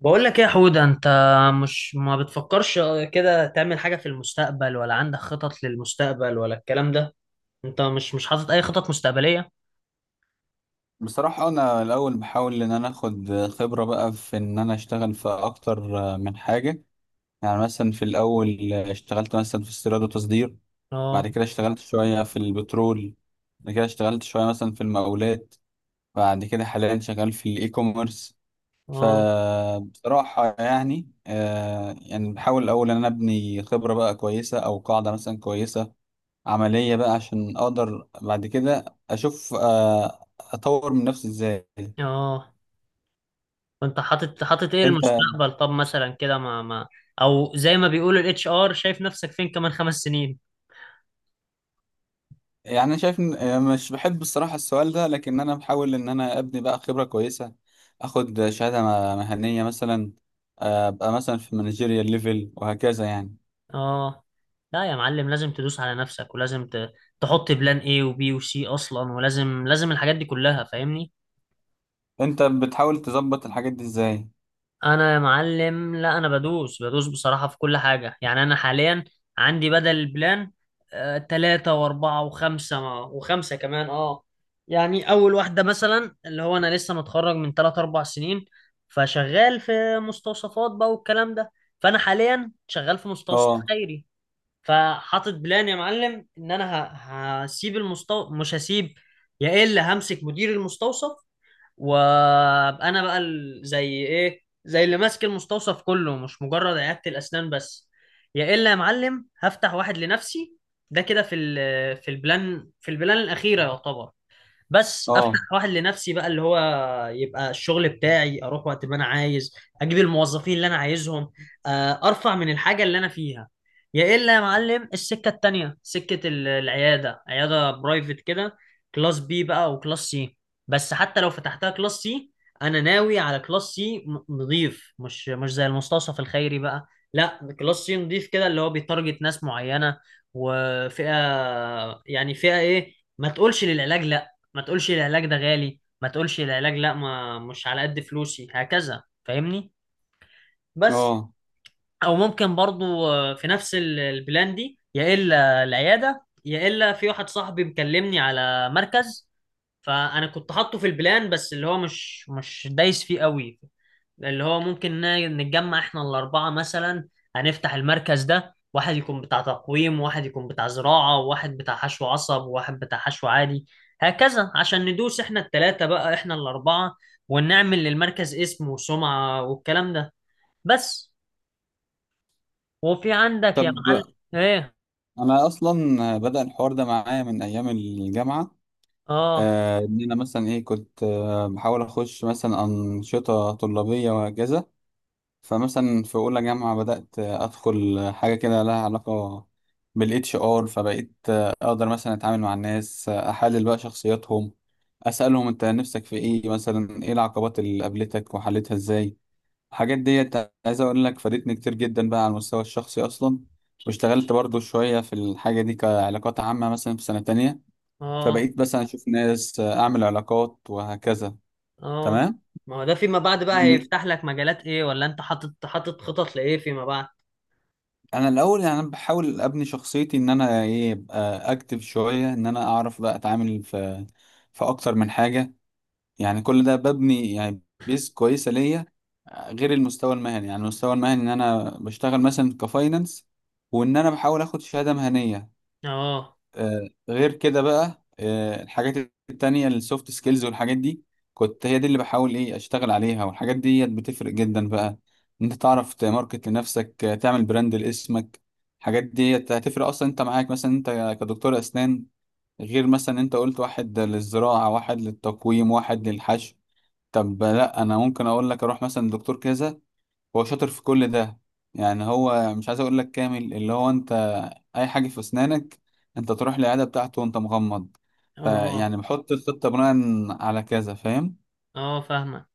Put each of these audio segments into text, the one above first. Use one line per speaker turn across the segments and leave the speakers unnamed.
بقول لك ايه يا حود؟ انت مش، ما بتفكرش كده تعمل حاجة في المستقبل؟ ولا عندك خطط للمستقبل ولا الكلام ده؟ انت مش حاطط اي خطط مستقبلية؟
بصراحة، أنا الأول بحاول إن أنا آخد خبرة بقى في إن أنا أشتغل في أكتر من حاجة. يعني مثلا في الأول اشتغلت مثلا في استيراد وتصدير. بعد
اه.
كده اشتغلت شوية في البترول. بعد كده اشتغلت شوية مثلا في المقاولات. بعد كده حاليا شغال في الإي كوميرس.
اه.
فبصراحة يعني بحاول الأول إن أنا أبني خبرة بقى كويسة أو قاعدة مثلا كويسة عملية بقى عشان أقدر بعد كده أشوف أطور من نفسي إزاي.
اه. وانت حاطط ايه
انت.
المستقبل؟ طب مثلا كده، ما ما او زي ما بيقول الـHR، شايف نفسك فين كمان 5 سنين؟
يعني انا شايف مش بحب الصراحه السؤال ده، لكن انا بحاول ان انا ابني بقى خبره كويسه، اخد شهاده مهنيه مثلا. ابقى مثلا في مانجيريال ليفل وهكذا يعني.
اه. لا يا معلم، لازم تدوس على نفسك، ولازم تحط بلان ايه وبي وسي اصلا، ولازم الحاجات دي كلها، فاهمني؟
انت بتحاول تظبط الحاجات دي ازاي؟
انا يا معلم لا، انا بدوس بدوس بصراحة في كل حاجة. يعني انا حاليا عندي بدل البلان تلاتة واربعة وخمسة، وخمسة كمان. اه. يعني اول واحدة مثلا اللي هو انا لسه متخرج من 3-4 سنين، فشغال في مستوصفات بقى والكلام ده. فانا حاليا شغال في مستوصف
اه،
خيري، فحاطط بلان يا معلم ان انا هسيب المستوصف. مش هسيب، يا الا همسك مدير المستوصف، وانا بقى زي ايه، زي اللي ماسك المستوصف كله، مش مجرد عيادة الاسنان بس. يا الا يا معلم هفتح واحد لنفسي، ده كده في البلان الاخيره يعتبر. بس افتح
اه،
واحد لنفسي بقى اللي هو. يبقى الشغل بتاعي اروح وقت ما انا عايز، اجيب الموظفين اللي انا عايزهم. ارفع من الحاجه اللي انا فيها. يا الا يا معلم السكه التانيه سكه العياده، عياده برايفت كده، كلاس بي بقى وكلاس سي. بس حتى لو فتحتها كلاس سي، انا ناوي على كلاس سي نظيف، مش زي المستوصف الخيري بقى. لا كلاس سي نظيف كده اللي هو بيتارجت ناس معينه وفئه. يعني فئه ايه؟ ما تقولش للعلاج لا، ما تقولش العلاج ده غالي، ما تقولش العلاج لا، ما مش على قد فلوسي، هكذا، فاهمني؟ بس.
اه.
او ممكن برضو في نفس البلان دي، يا الا العياده، يا الا في واحد صاحبي مكلمني على مركز. فانا كنت حاطه في البلان بس اللي هو مش دايس فيه قوي. اللي هو ممكن نتجمع احنا الأربعة مثلا، هنفتح المركز ده، واحد يكون بتاع تقويم وواحد يكون بتاع زراعة وواحد بتاع حشو عصب وواحد بتاع حشو عادي، هكذا عشان ندوس احنا التلاتة بقى، احنا الأربعة، ونعمل للمركز اسم وسمعة والكلام ده. بس. وفي عندك يا
طب
معلم ايه؟
انا اصلا بدأ الحوار ده معايا من ايام الجامعه.
اه.
ان انا مثلا ايه كنت بحاول اخش مثلا انشطه طلابيه وهكذا. فمثلا في اولى جامعه بدات ادخل حاجه كده لها علاقه بالاتش ار، فبقيت اقدر مثلا اتعامل مع الناس، احلل بقى شخصياتهم، اسالهم انت نفسك في ايه، مثلا ايه العقبات اللي قابلتك وحلتها ازاي. الحاجات ديت عايز اقول لك فادتني كتير جدا بقى على المستوى الشخصي اصلا. واشتغلت برضو شويه في الحاجه دي كعلاقات عامه مثلا في سنه تانية،
اه.
فبقيت مثلا اشوف ناس، اعمل علاقات وهكذا.
اه.
تمام.
ما هو ده فيما بعد بقى هيفتح لك مجالات ايه؟ ولا انت حاطط خطط لايه فيما بعد؟
انا الاول يعني أنا بحاول ابني شخصيتي، ان انا ايه ابقى اكتف شويه، ان انا اعرف بقى اتعامل في اكتر من حاجه. يعني كل ده ببني يعني بيس كويسه ليا، غير المستوى المهني. يعني المستوى المهني ان انا بشتغل مثلا كفاينانس، وان انا بحاول اخد شهاده مهنيه.
اه.
غير كده بقى الحاجات التانية السوفت سكيلز والحاجات دي كنت هي دي اللي بحاول ايه اشتغل عليها. والحاجات دي بتفرق جدا بقى إن انت تعرف تماركت لنفسك، تعمل براند لاسمك. الحاجات دي هتفرق اصلا. انت معاك مثلا انت كدكتور اسنان، غير مثلا انت قلت واحد للزراعة، واحد للتقويم، واحد للحشو. طب لا، انا ممكن اقول لك اروح مثلا دكتور كذا، هو شاطر في كل ده. يعني هو مش عايز اقول لك كامل، اللي هو انت اي حاجه في اسنانك انت تروح للعياده بتاعته وانت مغمض.
اه.
فيعني بحط الخطه بناء على كذا، فاهم؟
اه فاهمة.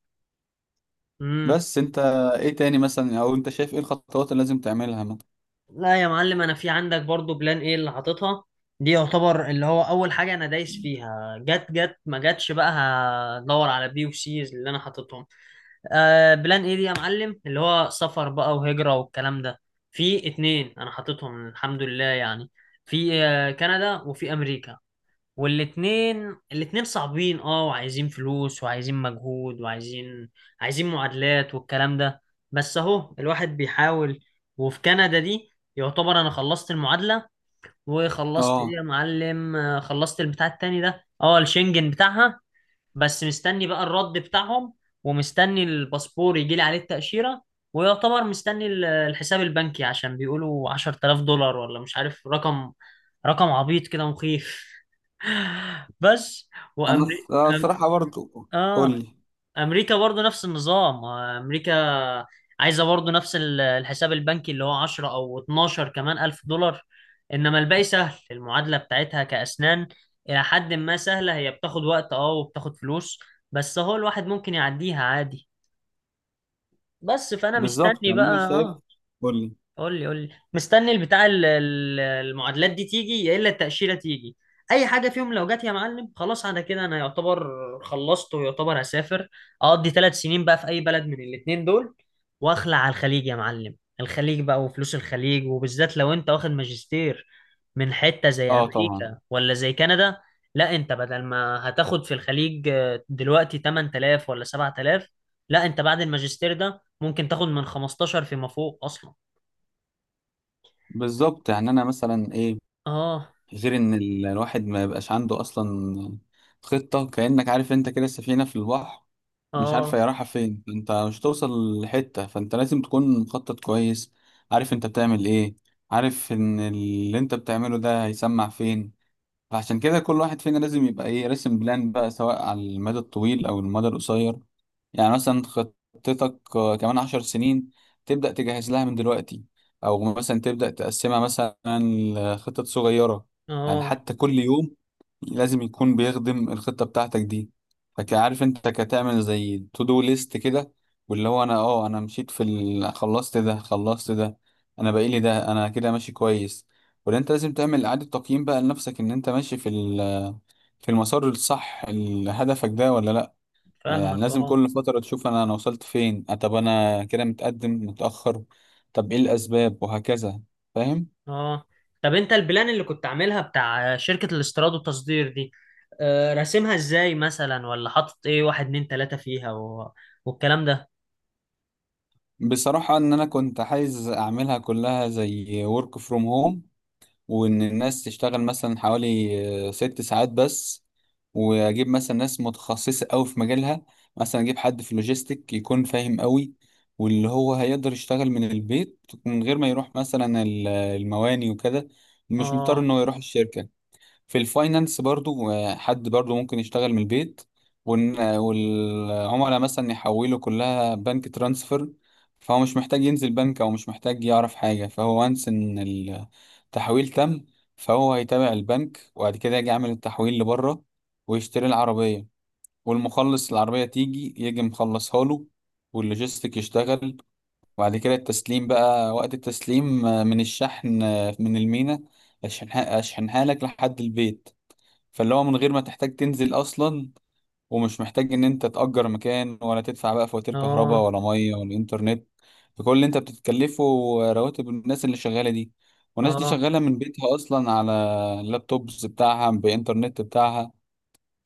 امم.
بس انت ايه تاني مثلا، او انت شايف ايه الخطوات اللي لازم تعملها مثلا؟
لا يا معلم، انا في عندك برضو بلان ايه اللي حاططها، دي يعتبر اللي هو اول حاجه انا دايس فيها، جت جت، ما جتش، بقى هدور على بي وسيز اللي انا حاططهم. بلان ايه دي يا معلم اللي هو سفر بقى وهجره والكلام ده. في اتنين انا حاططهم الحمد لله يعني، في كندا وفي امريكا. والاتنين صعبين، اه، وعايزين فلوس وعايزين مجهود وعايزين معادلات والكلام ده، بس اهو الواحد بيحاول. وفي كندا دي يعتبر انا خلصت المعادلة، وخلصت ايه
اه.
يا معلم، خلصت البتاع التاني ده، اه، الشنجن بتاعها، بس مستني بقى الرد بتاعهم، ومستني الباسبور يجيلي عليه التأشيرة، ويعتبر مستني الحساب البنكي، عشان بيقولوا 10000 دولار، ولا مش عارف، رقم، رقم عبيط كده مخيف. بس.
انا
وامريكا، أم...
الصراحه برضو قول
اه،
لي.
امريكا برضو نفس النظام. امريكا عايزه برضو نفس الحساب البنكي اللي هو 10 او 12 كمان الف دولار، انما الباقي سهل. المعادله بتاعتها كاسنان الى حد ما سهله، هي بتاخد وقت، اه، وبتاخد فلوس، بس هو الواحد ممكن يعديها عادي، بس فانا
بالظبط
مستني
يعني
بقى.
انا شايف.
اه.
قول لي.
قول لي، قول لي مستني البتاع المعادلات دي تيجي، يا الا التأشيرة تيجي. اي حاجة فيهم لو جت يا معلم خلاص، على كده انا يعتبر خلصت ويعتبر هسافر، اقضي 3 سنين بقى في اي بلد من الاتنين دول، واخلع على الخليج يا معلم، الخليج بقى وفلوس الخليج، وبالذات لو انت واخد ماجستير من حتة زي
اه، طبعا.
امريكا ولا زي كندا. لا، انت بدل ما هتاخد في الخليج دلوقتي 8000 ولا 7000، لا انت بعد الماجستير ده ممكن تاخد من 15 فيما فوق اصلا.
بالظبط. يعني انا مثلا ايه،
اه.
غير ان الواحد ما يبقاش عنده اصلا خطة، كأنك عارف انت كده السفينة في البحر مش عارفة
اه.
هي رايحة فين، انت مش توصل لحتة. فانت لازم تكون مخطط كويس، عارف انت بتعمل ايه، عارف ان اللي انت بتعمله ده هيسمع فين. فعشان كده كل واحد فينا لازم يبقى ايه راسم بلان بقى، سواء على المدى الطويل او المدى القصير. يعني مثلا خطتك كمان 10 سنين، تبدأ تجهز لها من دلوقتي، أو مثلا تبدأ تقسمها مثلا لخطط صغيرة. يعني
اه
حتى كل يوم لازم يكون بيخدم الخطة بتاعتك دي. فكعارف انت كتعمل زي تو دو ليست كده، واللي هو انا مشيت خلصت ده، خلصت ده، انا بقيلي ده، انا كده ماشي كويس، ولا انت لازم تعمل إعادة تقييم بقى لنفسك ان انت ماشي في المسار الصح هدفك ده ولا لا. يعني
فاهمك.
لازم
اه.
كل فترة تشوف أنا وصلت فين، طب أنا كده متقدم متأخر، طب إيه الأسباب وهكذا، فاهم.
اه. طب انت البلان اللي كنت عاملها بتاع شركة الاستيراد والتصدير دي، راسمها ازاي مثلا، ولا حاطط ايه واحد اتنين تلاتة فيها و... والكلام ده.
بصراحة إن أنا كنت عايز أعملها كلها زي work from home، وإن الناس تشتغل مثلا حوالي 6 ساعات بس، وأجيب مثلا ناس متخصصة أوي في مجالها. مثلا أجيب حد في لوجيستيك يكون فاهم أوي، واللي هو هيقدر يشتغل من البيت من غير ما يروح مثلا المواني وكده، مش مضطر
اه.
إنه يروح الشركة. في الفاينانس برضو حد برضو ممكن يشتغل من البيت، والعملاء مثلا يحولوا كلها بنك ترانسفر. فهو مش محتاج ينزل بنك، او مش محتاج يعرف حاجة، فهو وانس ان التحويل تم. فهو هيتابع البنك وبعد كده يجي يعمل التحويل لبره، ويشتري العربية. والمخلص العربية تيجي يجي مخلصها له، واللوجيستيك يشتغل. وبعد كده التسليم بقى، وقت التسليم من الشحن من المينا، أشحنها لك لحد البيت. فاللي هو من غير ما تحتاج تنزل اصلا، ومش محتاج ان انت تأجر مكان ولا تدفع بقى فواتير كهرباء
اه.
ولا ميه ولا انترنت. فكل اللي انت بتتكلفه رواتب الناس اللي شغاله دي، والناس دي
اه.
شغاله من بيتها اصلا على اللابتوبز بتاعها بانترنت بتاعها.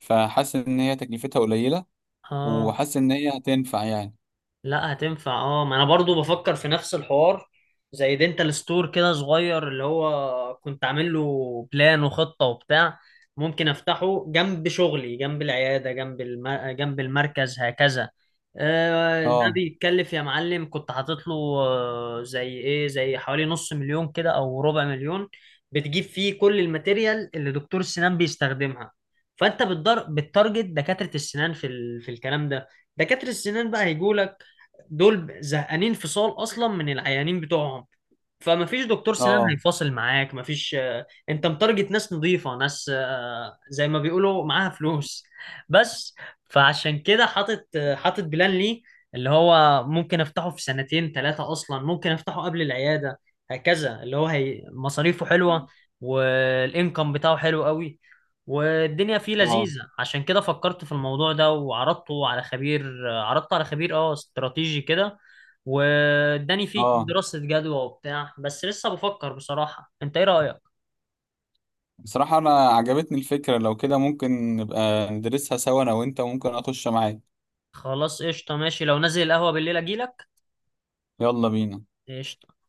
فحاسس ان هي تكلفتها قليله،
اه.
وحاسس ان هي هتنفع يعني.
لا هتنفع، اه، ما انا برضو بفكر في نفس الحوار. زي دينتال ستور كده صغير اللي هو كنت عامل له بلان وخطة وبتاع، ممكن افتحه جنب شغلي، جنب العيادة، جنب جنب المركز هكذا. ده
اه،
بيتكلف يا معلم، كنت حاطط له زي ايه، زي حوالي نص مليون كده او ربع مليون، بتجيب فيه كل الماتيريال اللي دكتور السنان بيستخدمها، فانت بتارجت دكاترة السنان في الكلام ده. دكاترة السنان بقى هيجوا، دول زهقانين فصال اصلا من العيانين بتوعهم، فما فيش دكتور سنان
اه،
هيفاصل معاك، ما فيش. انت متارجت ناس نظيفة، ناس زي ما بيقولوا معاها فلوس. بس. فعشان كده حاطط، حاطط بلان لي اللي هو ممكن افتحه في سنتين ثلاثة، اصلا ممكن افتحه قبل العيادة، هكذا اللي هو هي مصاريفه حلوة، والانكم بتاعه حلو قوي، والدنيا فيه
اه،
لذيذة، عشان كده فكرت في الموضوع ده، وعرضته على خبير، عرضته على خبير، اه، استراتيجي كده، واداني فيه
اه.
دراسة جدوى وبتاع، بس لسه بفكر بصراحة، انت ايه رأيك؟
بصراحه انا عجبتني الفكره. لو كده ممكن نبقى ندرسها سوا انا وانت، وممكن اخش معاك.
خلاص قشطة، ماشي، لو نازل القهوة بالليل اجيلك.
يلا بينا.
قشطة.